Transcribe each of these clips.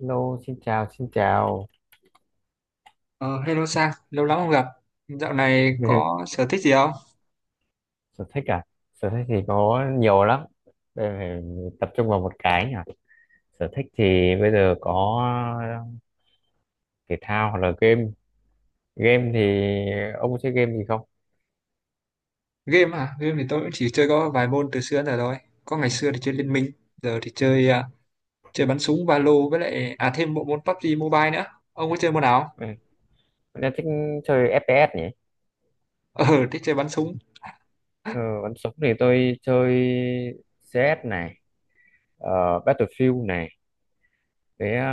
Hello, xin chào, xin chào. Ờ, Hello Sang, lâu lắm không gặp. Dạo này có sở thích gì không? Sở thích à? Sở thích thì có nhiều lắm. Đây phải tập trung vào một cái nhỉ. Sở thích thì bây giờ có thể thao hoặc là game. Game thì ông có chơi game gì không? Game à? Game thì tôi cũng chỉ chơi có vài môn từ xưa đến giờ rồi. Có ngày xưa thì chơi Liên Minh, giờ thì chơi chơi bắn súng Valo với lại thêm bộ môn PUBG Mobile nữa. Ông có chơi môn nào không? Ừ. Tôi thích chơi FPS nhỉ. Ờ, Thích chơi bắn súng. Ừ, bắn súng thì tôi chơi CS này, ờ, Battlefield này. Thế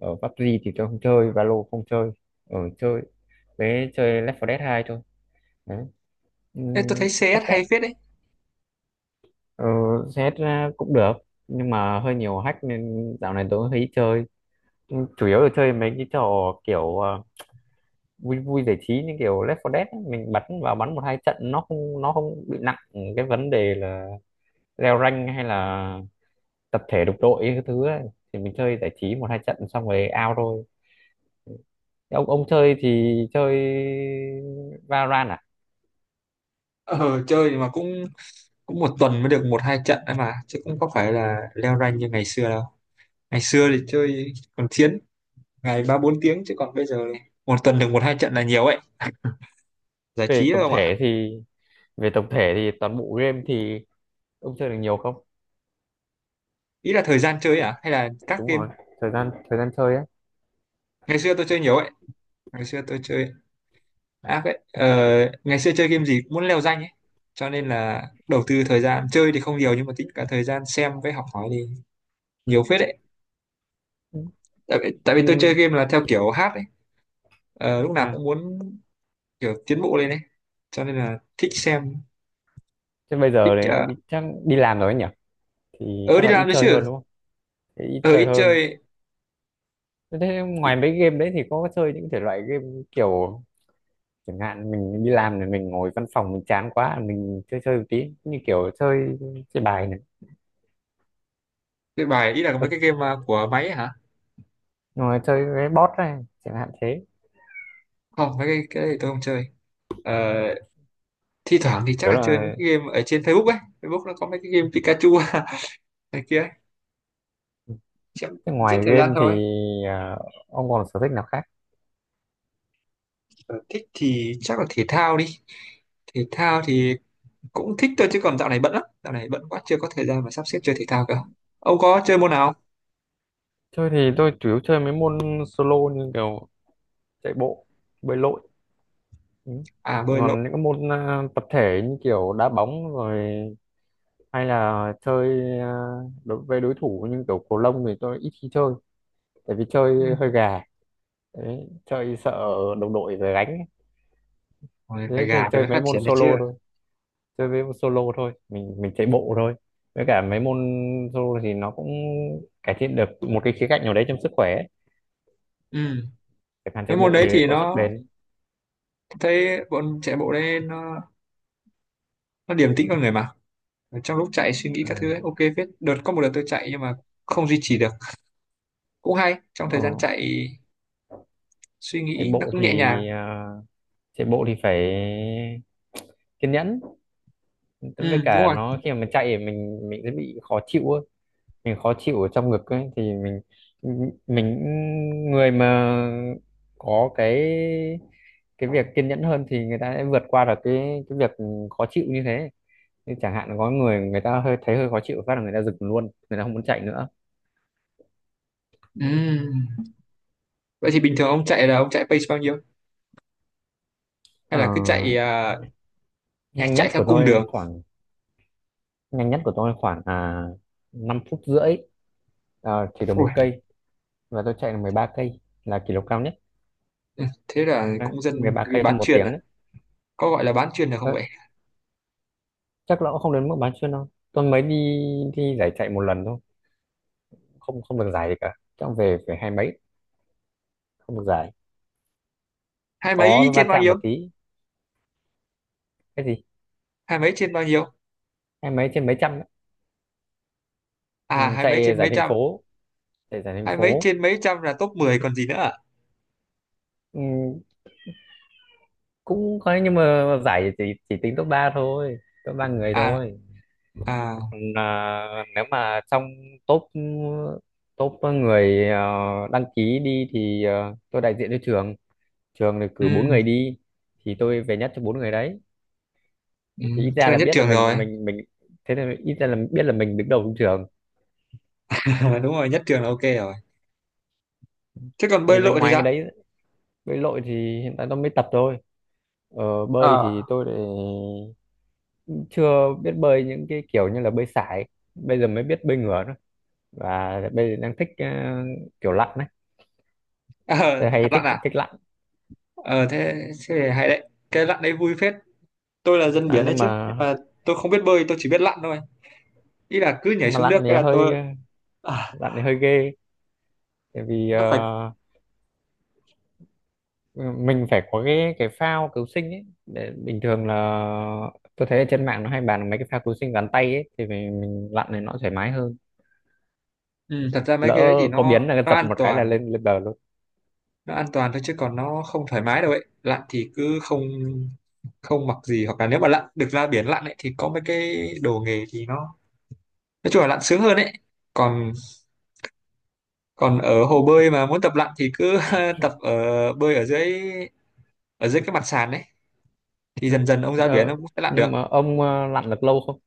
ở PUBG thì tôi không chơi, Valo không chơi. Ở chơi, Thế chơi Left 4 Dead 2 thôi. Đấy. Ê, tôi thấy Ừ. CS hay phết đấy. Ờ, Xét ra cũng được nhưng mà hơi nhiều hack nên dạo này tôi thấy chơi. Nhưng chủ yếu là chơi mấy cái trò kiểu vui vui giải trí như kiểu Left 4 Dead ấy. Mình bắn vào bắn một hai trận nó không bị nặng. Cái vấn đề là leo rank hay là tập thể đục đội cái thứ ấy. Thì mình chơi giải trí một hai trận xong rồi out thôi. Thế ông chơi thì chơi Valorant à? Ờ, Chơi mà cũng cũng một tuần mới được một hai trận ấy mà, chứ cũng có phải là leo rank như ngày xưa đâu. Ngày xưa thì chơi còn chiến ngày ba bốn tiếng chứ còn bây giờ một tuần được một hai trận là nhiều ấy. Giải về trí thôi tổng không ạ? thể thì Về tổng thể thì toàn bộ game thì ông chơi được nhiều không? Ý là thời gian chơi à hay là các Đúng game? rồi, thời gian chơi á. Ngày xưa tôi chơi nhiều ấy, ngày xưa tôi chơi, à vậy ờ, ngày xưa chơi game gì cũng muốn leo danh ấy, cho nên là đầu tư thời gian chơi thì không nhiều nhưng mà tính cả thời gian xem với học hỏi thì nhiều phết đấy. Ừ. Tại vì tôi chơi Ừ, game là theo kiểu hát ấy. Lúc nào à, cũng muốn kiểu tiến bộ lên ấy, cho nên là thích xem, thế bây giờ thích đấy đi, chắc đi làm rồi ấy nhỉ, thì ờ, chắc đi là ít làm đấy chơi chứ. hơn đúng không? Thế ít Ờ chơi Ít hơn. chơi, Thế ngoài ít mấy game đấy thì có chơi những thể loại game kiểu, chẳng hạn mình đi làm thì mình ngồi văn phòng mình chán quá mình chơi chơi một tí như kiểu chơi chơi bài này, chơi bài. Ý là mấy cái game mà của máy ấy hả? ngồi chơi cái bot này chẳng hạn thế, Không mấy cái này tôi không chơi. Ờ, thi thoảng thì chắc kiểu là chơi mấy là, cái game ở trên Facebook ấy, Facebook nó có mấy cái game Pikachu này kia ấy. Chắc thế giết ngoài thời gian game thì thôi. à, ông còn sở thích nào khác? Ờ, thích thì chắc là thể thao đi. Thể thao thì cũng thích thôi chứ còn dạo này bận lắm, dạo này bận quá chưa có thời gian mà sắp xếp chơi thể thao cơ. Ông có chơi môn nào không? Chơi thì tôi chủ yếu chơi mấy môn solo như kiểu chạy bộ, bơi lội. Ừ. À, bơi lội. Còn những cái môn tập thể như kiểu đá bóng rồi, hay là chơi đối với đối thủ như kiểu cầu lông thì tôi ít khi chơi, tại vì Ừ. chơi hơi gà. Đấy, chơi sợ đồng đội về gánh ấy. Ôi, phải Thế thì gà thì chơi mới mấy phát môn triển được chứ. solo thôi, chơi mấy môn solo thôi, mình chạy bộ thôi. Với cả mấy môn solo thì nó cũng cải thiện được một cái khía cạnh nào đấy trong sức khỏe ấy. Ừ. Chẳng hạn chạy Cái môn bộ đấy thì thì có sức nó, bền. thấy bọn chạy bộ đấy nó điềm tĩnh con người mà. Ở trong lúc chạy suy nghĩ các thứ ấy, Ừ. ok phết. Đợt có một đợt tôi chạy nhưng mà không duy trì được. Cũng hay, trong Ờ, thời gian chạy suy chạy nghĩ nó bộ cũng thì nhẹ nhàng. à, chạy bộ thì phải kiên nhẫn, với Ừ, đúng cả rồi. nó khi mà mình chạy thì mình sẽ bị khó chịu ấy. Mình khó chịu ở trong ngực ấy, thì mình người mà có cái việc kiên nhẫn hơn thì người ta sẽ vượt qua được cái việc khó chịu như thế. Như chẳng hạn có người người ta hơi thấy hơi khó chịu phát là người ta dừng luôn, người ta không muốn chạy nữa. Ừ. Vậy thì bình thường ông chạy là ông chạy pace bao nhiêu, hay Ờ, là cứ chạy, nhanh chạy nhất theo của cung tôi đường? khoảng, nhanh nhất của tôi khoảng à 5 phút rưỡi. Ờ, chỉ được Ui, một cây, và tôi chạy được 13 cây là kỷ lục cao nhất. ừ, thế là Đấy, cũng dân 13 cây bán trong một chuyền à, tiếng ấy. có gọi là bán chuyền được không Ờ, vậy? chắc là cũng không đến mức bán chuyên đâu, tôi mới đi, đi giải chạy một lần thôi, không không được giải gì cả, trong về phải hai mấy, không được giải. Hai mấy Có va trên bao chạm nhiêu? một tí, cái gì, Hai mấy trên bao nhiêu? hai mấy trên mấy trăm ấy. Ừ, À hai mấy chạy trên giải mấy thành trăm. phố, chạy giải thành Hai mấy phố. trên mấy trăm là top 10 còn gì nữa à? Ừ, cũng có nhưng mà giải chỉ tính top 3 thôi, top ba người À, thôi. à. Còn nếu mà trong top, người, đăng ký đi thì tôi đại diện cho trường, trường thì cử bốn Ừ, người đi, thì tôi về nhất cho bốn người đấy. ừ. Thì ít Thế ra là là nhất biết là trường rồi. mình. Thế thì ít ra là biết là mình đứng đầu trong trường. Đúng rồi, nhất trường là ok rồi. Thế còn bơi Nhưng mà lội thì ngoài cái sao? đấy, bơi lội thì hiện tại tôi mới tập thôi. Bơi thì Ờ. tôi lại chưa biết bơi những cái kiểu như là bơi sải, bây giờ mới biết bơi ngửa thôi. Và bây giờ đang thích kiểu lặn đấy. Ờ Tôi hạt hay thích lặn à. thích lặn, Ờ thế, thế thì hay đấy, cái lặn đấy vui phết. Tôi là dân lặn biển đấy nhưng chứ, nhưng mà, mà tôi không biết bơi, tôi chỉ biết lặn thôi. Ý là cứ nhảy nhưng mà xuống nước lặn cái thì là hơi, tôi, à, lặn thì hơi ghê. Tại vì nó phải. Ừ, mình phải có cái phao cứu sinh ấy, để bình thường là tôi thấy ở trên mạng nó hay bàn mấy cái phao cứu sinh gắn tay ấy thì mình lặn này nó thoải mái hơn, Ừ, thật ra mấy cái đấy thì lỡ có nó biến là nó giật an một cái toàn, là lên lên bờ luôn. nó an toàn thôi chứ còn nó không thoải mái đâu ấy. Lặn thì cứ không, không mặc gì, hoặc là nếu mà lặn được ra biển lặn ấy thì có mấy cái đồ nghề thì nó, nói chung là lặn sướng hơn ấy. Còn, còn ở hồ bơi mà muốn tập lặn thì cứ tập ở, bơi ở dưới, ở dưới cái mặt sàn ấy, thì Đó. dần dần ông ra biển Ờ, ông cũng sẽ lặn được. nhưng mà ông lặn được lâu không?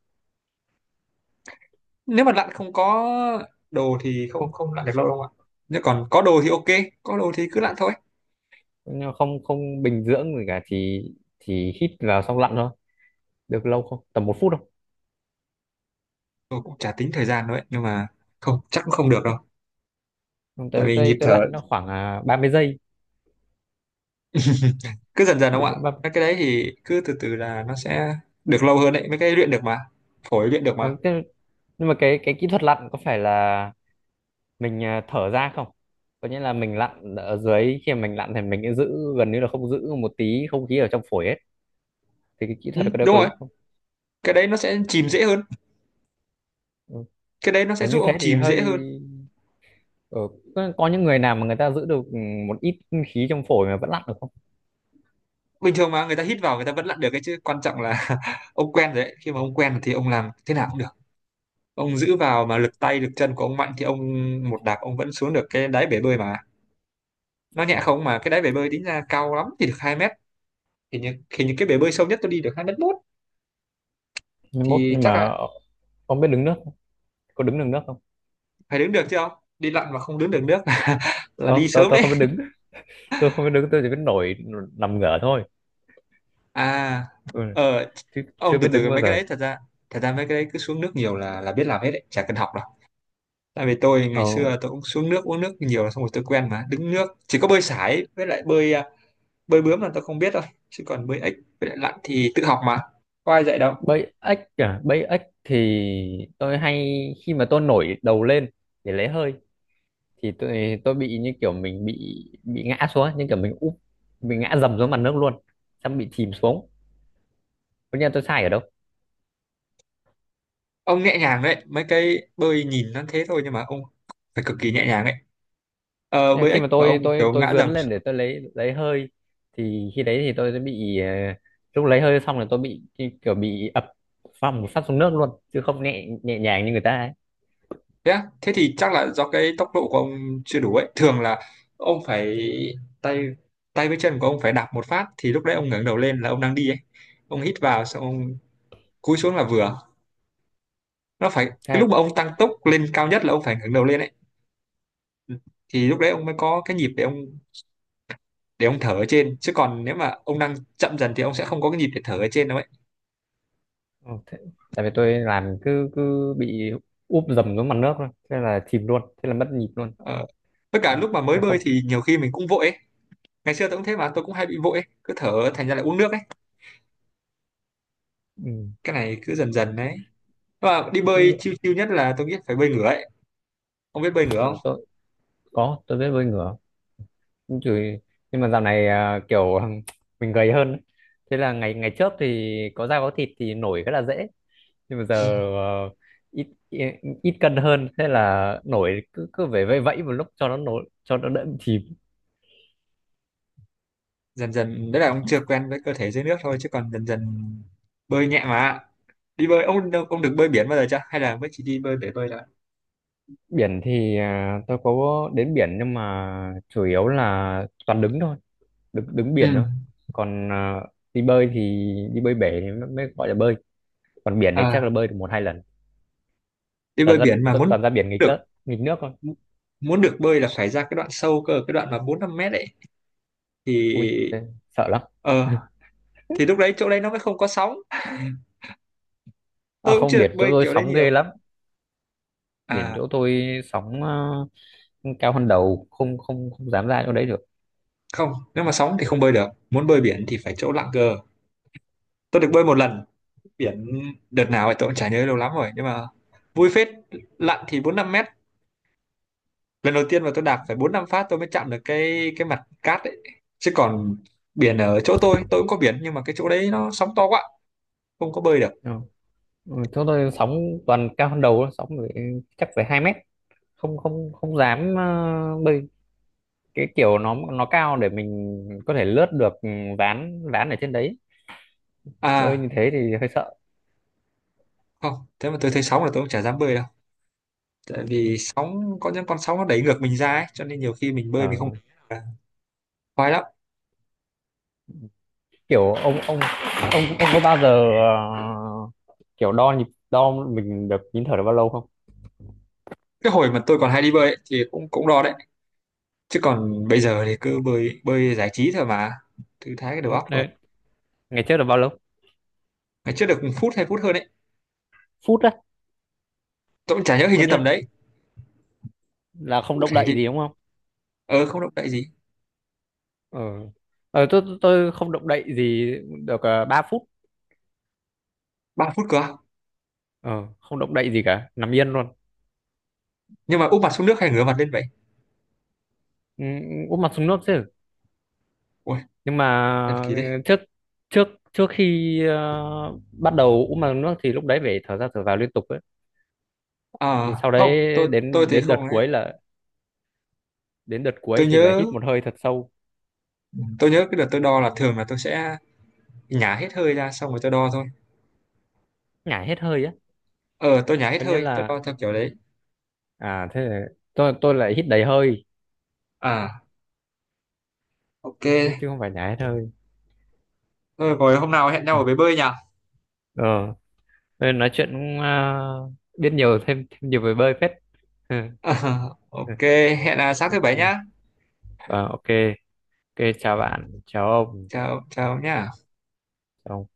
Nếu mà lặn không có đồ thì không, Không, không lặn được lâu đâu ạ. Nếu còn có đồ thì ok, có đồ thì cứ lặn thôi. nhưng mà không không bình dưỡng gì cả, chỉ hít vào xong lặn thôi. Được lâu không, tầm một phút? Tôi cũng chả tính thời gian đâu ấy, nhưng mà không, chắc cũng không được đâu. Không, Tại tôi vì nhịp tôi tôi thở. lặn nó khoảng 30 giây. Ừ, Cứ dần dần đúng đúng không ạ, mỗi 30. mấy cái đấy thì cứ từ từ là nó sẽ được lâu hơn đấy, mấy cái luyện được mà, phổi luyện được Ờ, mà. Nhưng mà cái kỹ thuật lặn có phải là mình thở ra không? Có nghĩa là mình lặn ở dưới, khi mà mình lặn thì mình sẽ giữ gần như là không, giữ một tí không khí ở trong phổi hết, thì cái kỹ Ừ, thuật ở đây đúng có rồi, đúng không? cái đấy nó sẽ chìm dễ hơn, Ừ. cái đấy nó sẽ Ờ, giúp như ông thế thì chìm hơi dễ hơn. ờ, có, những người nào mà người ta giữ được một ít khí trong phổi mà vẫn lặn được không? Bình thường mà người ta hít vào người ta vẫn lặn được cái chứ, quan trọng là ông quen rồi đấy, khi mà ông quen thì ông làm thế nào cũng được. Ông giữ vào mà lực tay lực chân của ông mạnh thì ông một đạp ông vẫn xuống được cái đáy bể bơi mà, nó nhẹ Ừ. không mà. Cái đáy bể bơi tính ra cao lắm thì được 2 mét, thì những, thì những cái bể bơi sâu nhất tôi đi được hai mét mốt Mai mốt thì nhưng chắc mà là. Không biết đứng nước không? Có đứng được nước không? Phải đứng được chứ, không đi lặn mà không đứng được nước là đi ờ tôi sớm tôi đấy. không biết đứng, tôi không biết đứng, tôi chỉ biết nổi, nằm ngửa thôi. À. Ừ. Ờ. Chứ Ông chưa từ biết đứng từ, bao mấy cái giờ. đấy thật ra, thật ra mấy cái đấy cứ xuống nước nhiều là biết làm hết đấy, chả cần học đâu. Tại vì tôi ờ, ngày xưa tôi cũng xuống nước uống nước nhiều xong rồi tôi quen mà. Đứng nước, chỉ có bơi sải với lại bơi bơi bướm là tôi không biết đâu, chứ còn bơi ếch với lại lặn thì tự học mà, có ai dạy đâu. Bẫy ếch à, bẫy ếch thì tôi hay, khi mà tôi nổi đầu lên để lấy hơi, thì tôi bị như kiểu mình bị ngã xuống, như kiểu mình úp, mình ngã dầm xuống mặt nước luôn, xong bị chìm xuống. Tất nhiên tôi sai ở đâu? Ông nhẹ nhàng đấy, mấy cái bơi nhìn nó thế thôi nhưng mà ông phải cực kỳ nhẹ nhàng ấy. Ờ, Nhưng bơi khi ếch mà và tôi ông tôi kiểu tôi ngã dướn dầm. lên để tôi lấy hơi, thì khi đấy thì tôi sẽ bị lúc lấy hơi xong là tôi bị như kiểu bị ập, phăng một phát xuống nước luôn, chứ không nhẹ nhẹ nhàng như người ta ấy. Thế á? Thế thì chắc là do cái tốc độ của ông chưa đủ ấy. Thường là ông phải, tay, với chân của ông phải đạp một phát thì lúc đấy ông ngẩng đầu lên là ông đang đi ấy. Ông hít vào xong ông cúi xuống là vừa, nó phải. Ừ, Cái thế, lúc mà ông tăng tốc lên cao nhất là ông phải ngẩng đầu lên ấy, thì lúc đấy ông mới có cái nhịp để ông, thở ở trên, chứ còn nếu mà ông đang chậm dần thì ông sẽ không có cái nhịp để thở ở trên đâu ấy. ừ, thế, tại vì tôi làm cứ cứ bị úp dầm xuống mặt nước thôi, thế là chìm luôn, thế là mất nhịp luôn. Ờ. Tất cả Thế lúc mà mới Thế bơi không? thì nhiều khi mình cũng vội ấy, ngày xưa tôi cũng thế mà, tôi cũng hay bị vội ấy. Cứ thở thành ra lại uống nước ấy. Ừ. Cái này cứ dần dần đấy, và đi bơi nhưng- chiêu chiêu nhất là tôi nghĩ phải bơi ngửa ấy. Ông biết bơi ngửa ừ, không? tôi có, tôi biết bơi ngửa. Chửi. Nhưng mà dạo này kiểu mình gầy hơn ấy. Thế là ngày ngày trước thì có da có thịt thì nổi rất là dễ. Nhưng mà giờ ờ, ít, ít ít cân hơn, thế là nổi cứ cứ về vẫy vẫy một lúc cho nó nổi, cho nó đỡ bị chìm. Dần dần đấy, là ông chưa quen với cơ thể dưới nước thôi chứ còn dần dần bơi nhẹ mà. Đi bơi, ông được bơi biển bao giờ chưa, hay là mới chỉ đi bơi bể bơi thôi? Biển thì tôi có đến biển nhưng mà chủ yếu là toàn đứng thôi, đứng đứng Ừ. biển thôi. Còn đi bơi thì, đi bơi bể thì mới mới gọi là bơi. Còn biển thì chắc À, là bơi được một hai lần. đi bơi Toàn ra biển mà muốn Toàn ra biển nghịch được, lớp, nghịch nước thôi. muốn được bơi là phải ra cái đoạn sâu cơ, cái đoạn mà bốn năm mét ấy, thì Ui, thế sợ lắm. ờ, thì lúc đấy chỗ đấy nó mới không có sóng. À, Tôi cũng không, chưa được biển chỗ bơi tôi kiểu đấy sóng ghê nhiều. lắm, biển À chỗ tôi sóng cao hơn đầu, không không không dám ra chỗ đấy được. không, nếu mà sóng thì không bơi được, muốn bơi biển thì phải chỗ lặng cơ. Tôi được bơi một lần biển, đợt nào thì tôi cũng chả nhớ, lâu lắm rồi, nhưng mà vui phết. Lặn thì bốn năm mét. Lần đầu tiên mà tôi đạp phải bốn năm phát tôi mới chạm được cái mặt cát ấy. Chứ còn biển ở chỗ tôi cũng có biển nhưng mà cái chỗ đấy nó sóng to quá, không có bơi được. Ừ. Ừ, chỗ tôi sóng toàn cao hơn đầu thôi, sóng phải, chắc phải 2 mét, không không không dám bơi, cái kiểu nó cao để mình có thể lướt được ván ván ở trên đấy, bơi như À thế thì hơi sợ. không, thế mà tôi thấy sóng là tôi cũng chả dám bơi đâu. Tại Ừ. vì sóng, có những con sóng nó đẩy ngược mình ra ấy, cho nên nhiều khi mình bơi mình không Ờ, khoái lắm. kiểu ông có bao giờ kiểu đo nhịp, đo mình được nín thở được bao lâu không? Cái hồi mà tôi còn hay đi bơi ấy, thì cũng cũng đo đấy, chứ còn bây giờ thì cứ bơi, bơi giải trí thôi mà, thư thái cái đầu Ừ, óc rồi. đấy. Ngày trước là bao lâu? Ngày trước được phút hay phút hơn đấy, Phút á? tôi cũng chả nhớ, hình Có như tầm nghĩa đấy. là không Cụ động thể đậy thì gì đúng không? ờ, không động đậy gì. Ờ. Tôi không động đậy gì, được 3 phút. Ba phút cơ à? Ờ, không động đậy gì cả, nằm yên luôn. Nhưng mà úp mặt xuống nước hay ngửa mặt lên vậy? Ừ, úp mặt xuống nước chứ. Ui, Nhưng mà, thần kỳ đấy. ừ, trước, trước trước khi bắt đầu úp mặt xuống nước thì lúc đấy phải thở ra thở vào liên tục ấy, thì À, sau đấy, không, tôi đến thì đến đợt không ấy. cuối là đến đợt cuối tôi thì là nhớ hít một hơi thật sâu. tôi nhớ cái đợt tôi đo là thường là tôi sẽ nhả hết hơi ra xong rồi tôi đo thôi. Nhả hết hơi á? Ờ, tôi nhả hết Có nghĩa hơi, tôi là, đo theo kiểu đấy. à thế là, tôi lại hít đầy hơi, À Ok, chứ chứ không phải nhả hết hơi. thôi rồi hôm nào hẹn nhau Ừ. ở bể bơi nhỉ? Ờ. Ờ, nói chuyện cũng biết nhiều, thêm thêm nhiều về bơi phết. Ok, hẹn là sáng thứ bảy Ok, nhá. Ờ, ok, ok chào bạn, chào ông. Chào chào nhá. Chào ông.